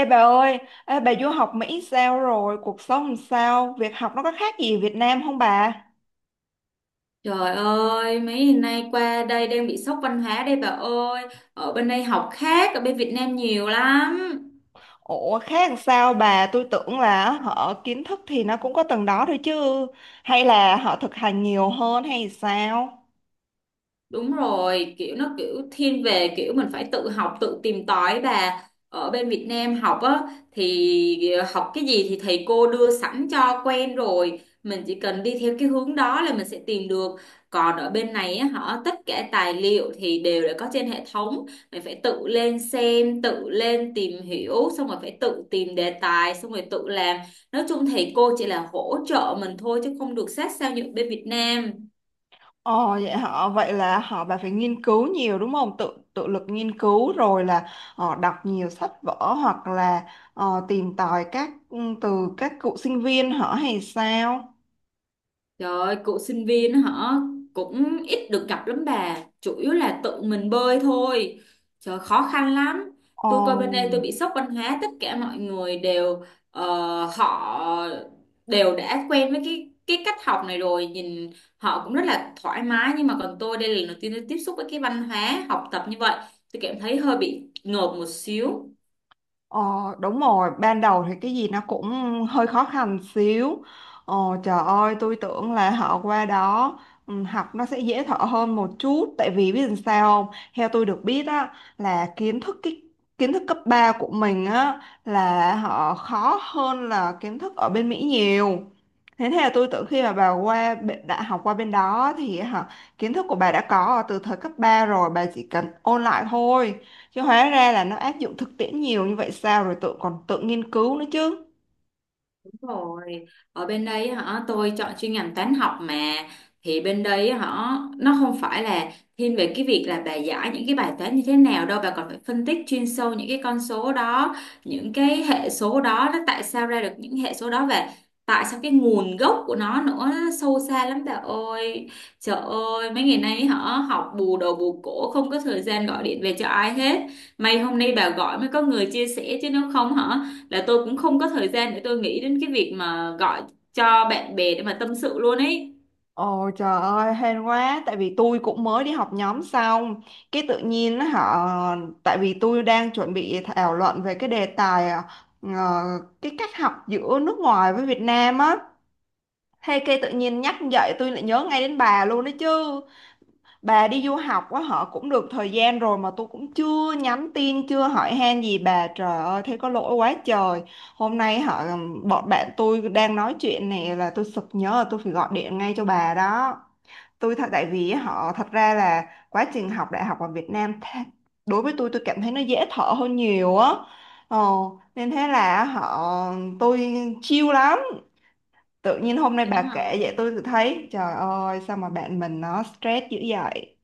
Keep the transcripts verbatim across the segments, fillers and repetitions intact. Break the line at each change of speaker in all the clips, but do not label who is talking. Ê bà ơi, ê, bà du học Mỹ sao rồi? Cuộc sống làm sao? Việc học nó có khác gì Việt Nam không bà?
Trời ơi, mấy ngày nay qua đây đang bị sốc văn hóa đây bà ơi. Ở bên đây học khác, ở bên Việt Nam nhiều lắm.
Ủa khác làm sao bà? Tôi tưởng là họ kiến thức thì nó cũng có từng đó thôi chứ. Hay là họ thực hành nhiều hơn hay sao?
Đúng rồi, kiểu nó kiểu thiên về kiểu mình phải tự học, tự tìm tòi bà. Ở bên Việt Nam học á thì học cái gì thì thầy cô đưa sẵn cho quen rồi, mình chỉ cần đi theo cái hướng đó là mình sẽ tìm được. Còn ở bên này á, họ tất cả tài liệu thì đều đã có trên hệ thống, mình phải tự lên xem, tự lên tìm hiểu, xong rồi phải tự tìm đề tài, xong rồi tự làm. Nói chung thầy cô chỉ là hỗ trợ mình thôi chứ không được sát sao như ở bên Việt Nam.
Ồ vậy họ vậy là họ bà phải nghiên cứu nhiều đúng không? Tự tự lực nghiên cứu rồi là họ đọc nhiều sách vở hoặc là ờ, tìm tòi các ừ, từ các cựu sinh viên họ hay sao?
Trời ơi, cụ sinh viên hả? Cũng ít được gặp lắm bà. Chủ yếu là tự mình bơi thôi. Trời, khó khăn lắm.
Ồ.
Tôi coi bên đây tôi bị sốc văn hóa. Tất cả mọi người đều, ờ, họ đều đã quen với cái cái cách học này rồi. Nhìn họ cũng rất là thoải mái. Nhưng mà còn tôi đây là lần đầu tiên tôi tiếp xúc với cái văn hóa học tập như vậy. Tôi cảm thấy hơi bị ngợp một xíu.
Ờ, Đúng rồi, ban đầu thì cái gì nó cũng hơi khó khăn xíu. Ờ, Trời ơi, tôi tưởng là họ qua đó ừ, học nó sẽ dễ thở hơn một chút. Tại vì biết làm sao không? Theo tôi được biết á, là kiến thức cái kiến thức cấp ba của mình á là họ khó hơn là kiến thức ở bên Mỹ nhiều. Thế thế là tôi tưởng khi mà bà qua bên- đã học qua bên đó thì hả, kiến thức của bà đã có từ thời cấp ba rồi, bà chỉ cần ôn lại thôi chứ hóa ra là nó áp dụng thực tiễn nhiều như vậy sao rồi tự còn tự nghiên cứu nữa chứ.
Đúng rồi, ở bên đây hả, tôi chọn chuyên ngành toán học mà, thì bên đây hả, nó không phải là thiên về cái việc là bà giải những cái bài toán như thế nào đâu, bà còn phải phân tích chuyên sâu những cái con số đó, những cái hệ số đó, nó tại sao ra được những hệ số đó, và tại sao cái nguồn gốc của nó nữa, nó sâu xa lắm bà ơi. Trời ơi, mấy ngày nay hả, học bù đầu bù cổ không có thời gian gọi điện về cho ai hết. May hôm nay bà gọi mới có người chia sẻ, chứ nếu không hả, là tôi cũng không có thời gian để tôi nghĩ đến cái việc mà gọi cho bạn bè để mà tâm sự luôn ấy.
Ồ trời ơi hên quá, tại vì tôi cũng mới đi học nhóm xong cái tự nhiên á, họ tại vì tôi đang chuẩn bị thảo luận về cái đề tài ờ, ờ, cái cách học giữa nước ngoài với Việt Nam á. Thế cái tự nhiên nhắc dậy tôi lại nhớ ngay đến bà luôn đấy chứ. Bà đi du học á họ cũng được thời gian rồi mà tôi cũng chưa nhắn tin chưa hỏi han gì bà, trời ơi thế có lỗi quá trời. Hôm nay họ bọn bạn tôi đang nói chuyện này là tôi sực nhớ là tôi phải gọi điện ngay cho bà đó. Tôi thật tại vì họ Thật ra là quá trình học đại học ở Việt Nam tha- đối với tôi tôi cảm thấy nó dễ thở hơn nhiều á, ờ, nên thế là họ tôi chill lắm. Tự nhiên hôm nay
Vậy
bà
hả?
kể vậy tôi tự thấy trời ơi sao mà bạn mình nó stress dữ vậy.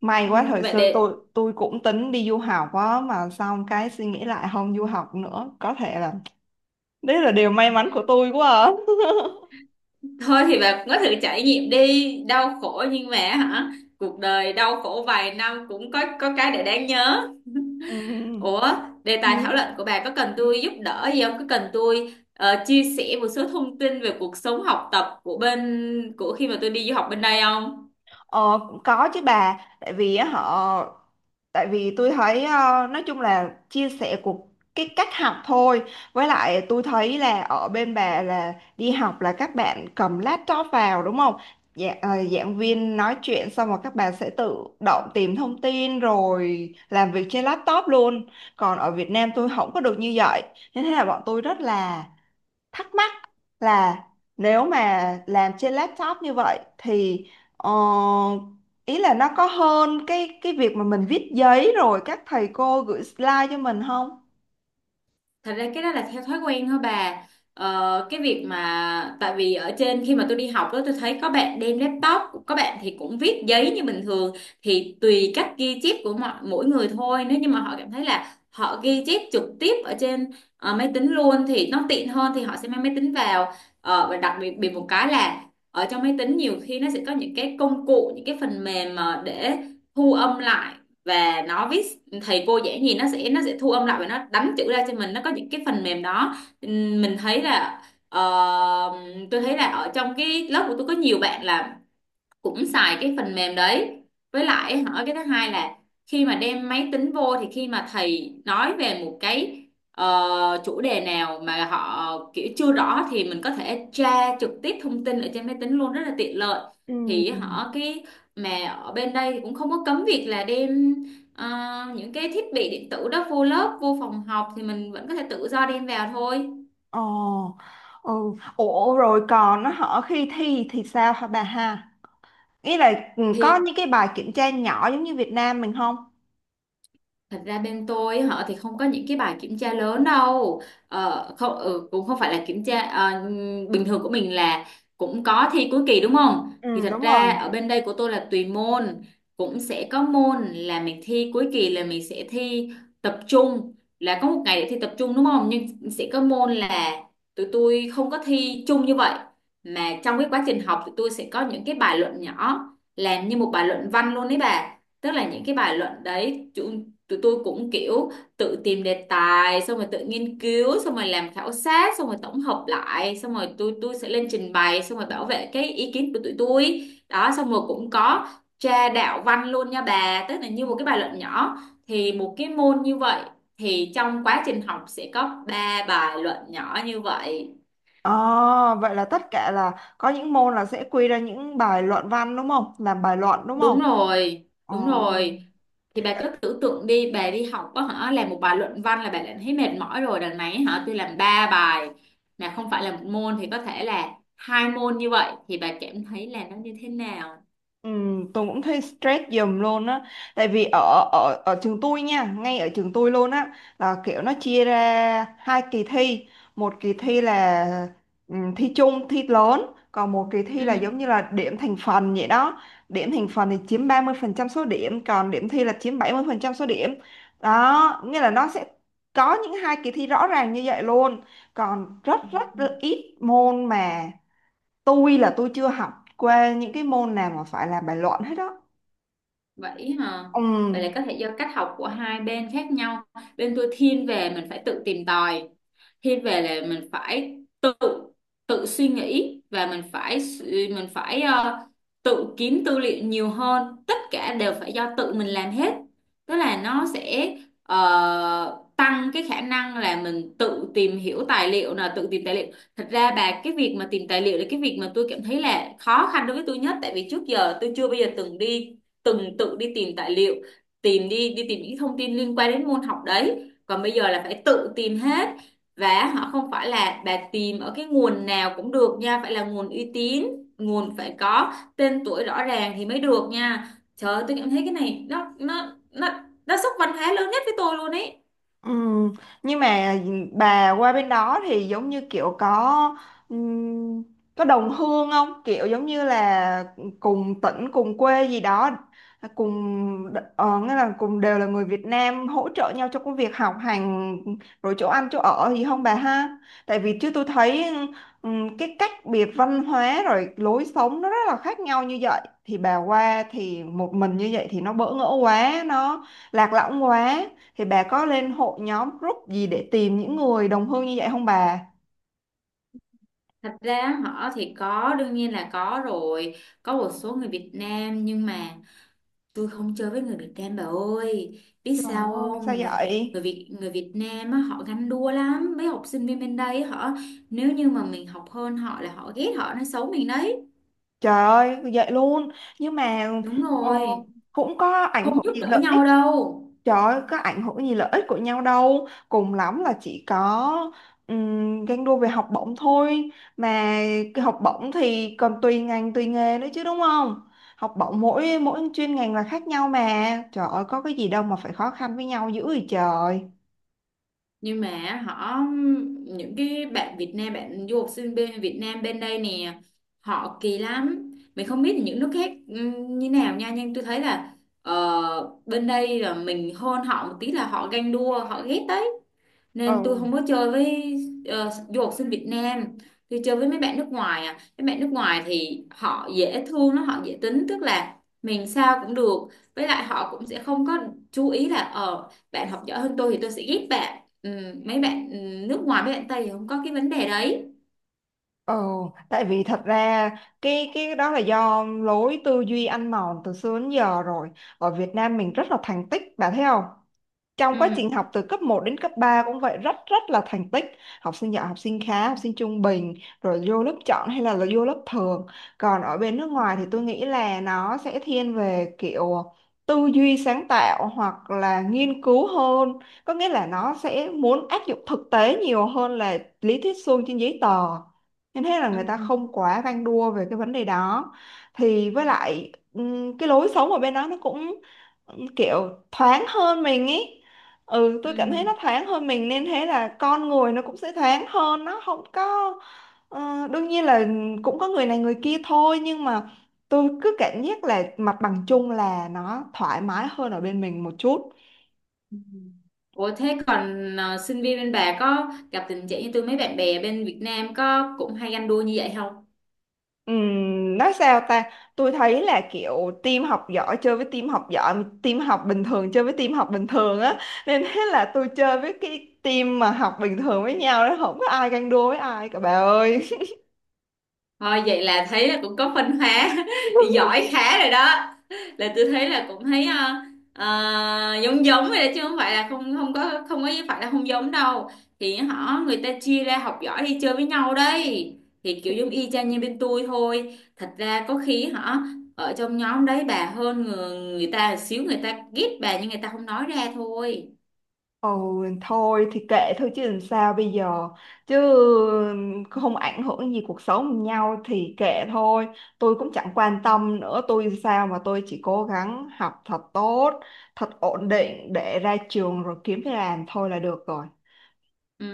May quá
Ừ,
thời
vậy
xưa tôi
để.
tôi cũng tính đi du học á mà xong cái suy nghĩ lại không du học nữa, có thể là đấy là điều
Ừ.
may mắn của tôi quá à.
Thôi thì bà cũng có thử trải nghiệm đi, đau khổ nhưng mà hả, cuộc đời đau khổ vài năm cũng có có cái để đáng nhớ. Ủa, đề tài thảo
Ừ.
luận của bà có cần tôi giúp đỡ gì không, có cần tôi ờ, chia sẻ một số thông tin về cuộc sống học tập của bên của khi mà tôi đi du học bên đây không?
Ờ, Cũng có chứ bà, tại vì á, họ tại vì tôi thấy ờ, nói chung là chia sẻ của cái cách học thôi. Với lại tôi thấy là ở bên bà là đi học là các bạn cầm laptop vào đúng không? Dạ, ờ, giảng viên nói chuyện xong rồi các bạn sẽ tự động tìm thông tin rồi làm việc trên laptop luôn, còn ở Việt Nam tôi không có được như vậy nên thế là bọn tôi rất là thắc mắc là nếu mà làm trên laptop như vậy thì ờ, ý là nó có hơn cái cái việc mà mình viết giấy rồi các thầy cô gửi slide cho mình không?
Thật ra cái đó là theo thói quen thôi bà. Ờ, cái việc mà tại vì ở trên khi mà tôi đi học đó, tôi thấy có bạn đem laptop, có bạn thì cũng viết giấy như bình thường. Thì tùy cách ghi chép của mọi mỗi người thôi. Nếu như mà họ cảm thấy là họ ghi chép trực tiếp ở trên ờ, máy tính luôn thì nó tiện hơn thì họ sẽ mang máy tính vào. Ờ, và đặc biệt biệt một cái là ở trong máy tính nhiều khi nó sẽ có những cái công cụ, những cái phần mềm mà để thu âm lại và nó viết thầy cô dễ nhìn, nó sẽ nó sẽ thu âm lại và nó đánh chữ ra cho mình, nó có những cái phần mềm đó. Ừm, mình thấy là ờ, tôi thấy là ở trong cái lớp của tôi có nhiều bạn là cũng xài cái phần mềm đấy. Với lại hỏi cái thứ hai là khi mà đem máy tính vô thì khi mà thầy nói về một cái ờ, chủ đề nào mà họ kiểu chưa rõ thì mình có thể tra trực tiếp thông tin ở trên máy tính luôn, rất là tiện lợi.
Ừ.
Thì họ cái mà ở bên đây thì cũng không có cấm việc là đem ờ, những cái thiết bị điện tử đó vô lớp, vô phòng học, thì mình vẫn có thể tự do đem vào thôi.
Ồ, ừ. Ủa rồi còn nó hỏi khi thi thì sao hả bà ha? Ý là ừ, có
Thì
những cái bài kiểm tra nhỏ giống như Việt Nam mình không?
Thật ra bên tôi họ thì không có những cái bài kiểm tra lớn đâu. Ờ, không, ừ, cũng không phải là kiểm tra ờ, bình thường của mình là cũng có thi cuối kỳ đúng không? Thì
Ừ,
thật
đúng rồi.
ra ở bên đây của tôi là tùy môn, cũng sẽ có môn là mình thi cuối kỳ, là mình sẽ thi tập trung, là có một ngày để thi tập trung đúng không, nhưng sẽ có môn là tụi tôi không có thi chung như vậy, mà trong cái quá trình học tụi tôi sẽ có những cái bài luận nhỏ, làm như một bài luận văn luôn đấy bà. Tức là những cái bài luận đấy tụi tôi cũng kiểu tự tìm đề tài, xong rồi tự nghiên cứu, xong rồi làm khảo sát, xong rồi tổng hợp lại, xong rồi tôi tôi sẽ lên trình bày, xong rồi bảo vệ cái ý kiến của tụi tôi đó, xong rồi cũng có tra đạo văn luôn nha bà, tức là như một cái bài luận nhỏ. Thì một cái môn như vậy thì trong quá trình học sẽ có ba bài luận nhỏ như vậy.
Ồ, vậy là tất cả là có những môn là sẽ quy ra những bài luận văn đúng không? Làm bài luận đúng
Đúng
không?
rồi, đúng rồi. Thì bà
Ồ.
cứ tưởng tượng đi, bà đi học có hả, làm một bài luận văn là bà đã thấy mệt mỏi rồi, đằng này hả, tôi làm ba bài, mà không phải là một môn thì có thể là hai môn như vậy thì bà cảm thấy là nó như thế nào?
Ừ, tôi cũng thấy stress giùm luôn á, tại vì ở ở ở trường tôi nha, ngay ở trường tôi luôn á là kiểu nó chia ra hai kỳ thi. Một kỳ thi là ừ, thi chung thi lớn, còn một kỳ thi là
Ừ.
giống như là điểm thành phần vậy đó. Điểm thành phần thì chiếm ba mươi phần trăm số điểm, còn điểm thi là chiếm bảy mươi phần trăm số điểm đó, nghĩa là nó sẽ có những hai kỳ thi rõ ràng như vậy luôn. Còn rất
Ừ.
rất ít môn mà tôi là tôi chưa học qua những cái môn nào mà phải làm bài luận hết đó.
Vậy hả?
Ừ.
Vậy là có thể do cách học của hai bên khác nhau. Bên tôi thiên về mình phải tự tìm tòi. Thiên về là mình phải tự tự suy nghĩ và mình phải s- mình phải ờ, tự kiếm tư liệu nhiều hơn. Tất cả đều phải do tự mình làm hết. Tức là nó sẽ ờ, tăng cái khả năng là mình tự tìm hiểu tài liệu là tự tìm tài liệu. Thật ra bà, cái việc mà tìm tài liệu là cái việc mà tôi cảm thấy là khó khăn đối với tôi nhất, tại vì trước giờ tôi chưa bao giờ từng đi từng tự đi tìm tài liệu, tìm đi đi tìm những thông tin liên quan đến môn học đấy, còn bây giờ là phải tự tìm hết. Và họ không phải là bà tìm ở cái nguồn nào cũng được nha, phải là nguồn uy tín, nguồn phải có tên tuổi rõ ràng thì mới được nha. Trời ơi, tôi cảm thấy cái này nó nó nó nó sốc văn hóa lớn nhất với tôi luôn ấy.
Ừ, nhưng mà ừ, bà qua bên đó thì giống như kiểu có ừm, có đồng hương không? Kiểu giống như là cùng tỉnh, cùng quê gì đó, cùng ờ, nghĩa là cùng đều là người Việt Nam hỗ trợ nhau trong công việc học hành rồi chỗ ăn chỗ ở gì không bà ha? Tại vì chứ tôi thấy ừm, cái cách biệt văn hóa rồi lối sống nó rất là khác nhau như vậy thì bà qua thì một mình như vậy thì nó bỡ ngỡ quá, nó lạc lõng quá, thì bà có lên hội nhóm group gì để tìm những người đồng hương như vậy không bà?
Thật ra họ thì có, đương nhiên là có rồi, có một số người Việt Nam, nhưng mà tôi không chơi với người Việt Nam bà ơi, biết
Trời
sao
ơi, sao
không? người,
vậy?
người Việt người Việt Nam á, họ ganh đua lắm, mấy học sinh viên bên đây á, họ, nếu như mà mình học hơn họ là họ ghét, họ nói xấu mình đấy.
Trời ơi, vậy luôn. Nhưng mà
Đúng
ờ,
rồi,
cũng có ảnh
không
hưởng
giúp
gì
đỡ
lợi ích.
nhau đâu.
Trời ơi, có ảnh hưởng gì lợi ích của nhau đâu. Cùng lắm là chỉ có um, ganh đua về học bổng thôi. Mà cái học bổng thì còn tùy ngành, tùy nghề nữa chứ đúng không? Học bổng mỗi mỗi chuyên ngành là khác nhau mà. Trời ơi, có cái gì đâu mà phải khó khăn với nhau dữ vậy trời.
Nhưng mà họ những cái bạn Việt Nam, bạn du học sinh bên Việt Nam bên đây nè, họ kỳ lắm, mình không biết những nước khác ừm, như nào nha, nhưng tôi thấy là ờ, bên đây là mình hơn họ một tí là họ ganh đua, họ ghét đấy, nên tôi
Ừ.
không có chơi với ờ, du học sinh Việt Nam. Tôi chơi với mấy bạn nước ngoài à, mấy bạn nước ngoài thì họ dễ thương, nó họ dễ tính, tức là mình sao cũng được, với lại họ cũng sẽ không có chú ý là ờ bạn học giỏi hơn tôi thì tôi sẽ ghét bạn. ừ, Mấy bạn ừ, nước ngoài, mấy bạn Tây thì không có cái vấn đề đấy.
Ồ, tại vì thật ra cái cái đó là do lối tư duy ăn mòn từ xưa đến giờ rồi. Ở Việt Nam mình rất là thành tích, bạn thấy không? Trong quá trình
Ừ.
học từ cấp một đến cấp ba cũng vậy rất rất là thành tích, học sinh giỏi học sinh khá học sinh trung bình, rồi vô lớp chọn hay là, là vô lớp thường. Còn ở bên nước ngoài thì tôi nghĩ là nó sẽ thiên về kiểu tư duy sáng tạo hoặc là nghiên cứu hơn, có nghĩa là nó sẽ muốn áp dụng thực tế nhiều hơn là lý thuyết suông trên giấy tờ, nên thế là
Ừ.
người ta không quá ganh đua về cái vấn đề đó. Thì với lại ừm, cái lối sống ở bên đó nó cũng kiểu thoáng hơn mình ý, ừ tôi cảm thấy
Ừ.
nó thoáng hơn mình nên thế là con người nó cũng sẽ thoáng hơn, nó không có ờ, đương nhiên là cũng có người này người kia thôi nhưng mà tôi cứ cảm giác là mặt bằng chung là nó thoải mái hơn ở bên mình một chút.
Ủa thế còn ờ, sinh viên bên bà có gặp tình trạng như tôi, mấy bạn bè bên Việt Nam có cũng hay ganh đua như vậy không?
Ừm, nói sao ta, tôi thấy là kiểu team học giỏi chơi với team học giỏi, team học bình thường chơi với team học bình thường á, nên thế là tôi chơi với cái team mà học bình thường với nhau đó, không có ai ganh đua với ai cả bà ơi.
Thôi vậy là thấy là cũng có phân hóa giỏi khá rồi đó, là tôi thấy là cũng thấy ờ, ờ, giống giống rồi đó, chứ không phải là không không có không có phải là không giống đâu. Thì họ người ta chia ra học giỏi đi chơi với nhau đấy, thì kiểu giống y chang như bên tôi thôi. Thật ra có khi họ ở trong nhóm đấy bà hơn người, người ta xíu, người ta ghét bà nhưng người ta không nói ra thôi.
Ồ, thôi thì kệ thôi chứ làm sao bây giờ, chứ không ảnh hưởng gì cuộc sống nhau thì kệ thôi. Tôi cũng chẳng quan tâm nữa, tôi sao mà tôi chỉ cố gắng học thật tốt thật ổn định để ra trường rồi kiếm việc làm thôi là được rồi.
Ừ,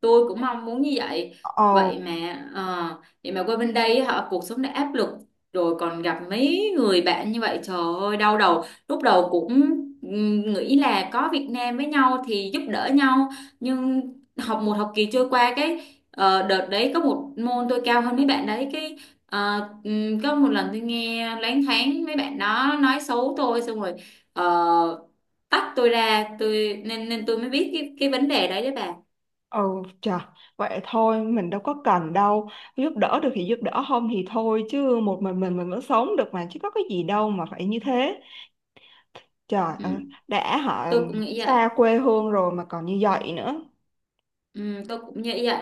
tôi cũng mong muốn như vậy.
Ồ
Vậy mà ờ, vậy mà qua bên đây họ cuộc sống đã áp lực rồi còn gặp mấy người bạn như vậy, trời ơi đau đầu, lúc đầu cũng ừm, nghĩ là có Việt Nam với nhau thì giúp đỡ nhau, nhưng học một học kỳ trôi qua cái ờ, đợt đấy có một môn tôi cao hơn mấy bạn đấy, cái ờ, ừm, có một lần tôi nghe loáng thoáng mấy bạn đó nói xấu tôi, xong rồi ờ, tách tôi ra, tôi nên nên tôi mới biết cái cái vấn đề đấy đấy bà.
ồ trời, vậy thôi mình đâu có cần đâu, giúp đỡ được thì giúp đỡ không thì thôi, chứ một mình mình mình vẫn sống được mà chứ có cái gì đâu mà phải như thế. Trời
Ừ.
ơi, đã họ
Tôi cũng nghĩ vậy.
xa quê hương rồi mà còn như vậy nữa.
Ừ, tôi cũng nghĩ vậy.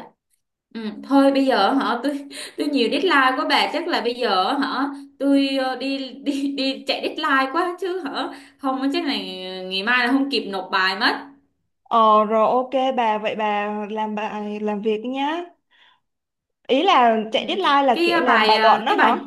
Ừ, thôi bây giờ hả, tôi tôi nhiều deadline quá bà, chắc là bây giờ hả tôi ờ, đi đi đi chạy deadline quá chứ hả, không chắc là ngày mai là không kịp nộp bài mất.
Ờ rồi ok bà, vậy bà làm bài làm việc nhá. Ý là
Ừ.
chạy deadline là
cái
kiểu
ờ,
làm bài
bài ờ,
luận đó
cái bài
hả?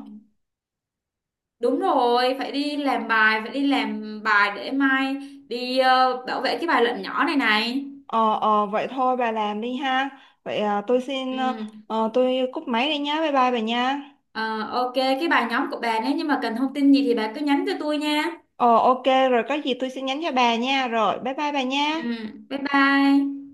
đúng rồi, phải đi làm bài phải đi làm bài để mai đi ờ, bảo vệ cái bài luận nhỏ này này.
Ờ ờ vậy thôi bà làm đi ha. Vậy à, tôi xin ờ,
Ừ.
ờ, tôi cúp máy đi nhá. Bye bye bà nha.
ờ, ok cái bài nhóm của bà nếu như mà cần thông tin gì thì bà cứ nhắn cho tôi nha.
Ờ ok rồi có gì tôi sẽ nhắn cho bà nha. Rồi bye bye bà nha.
Ừ. Bye bye.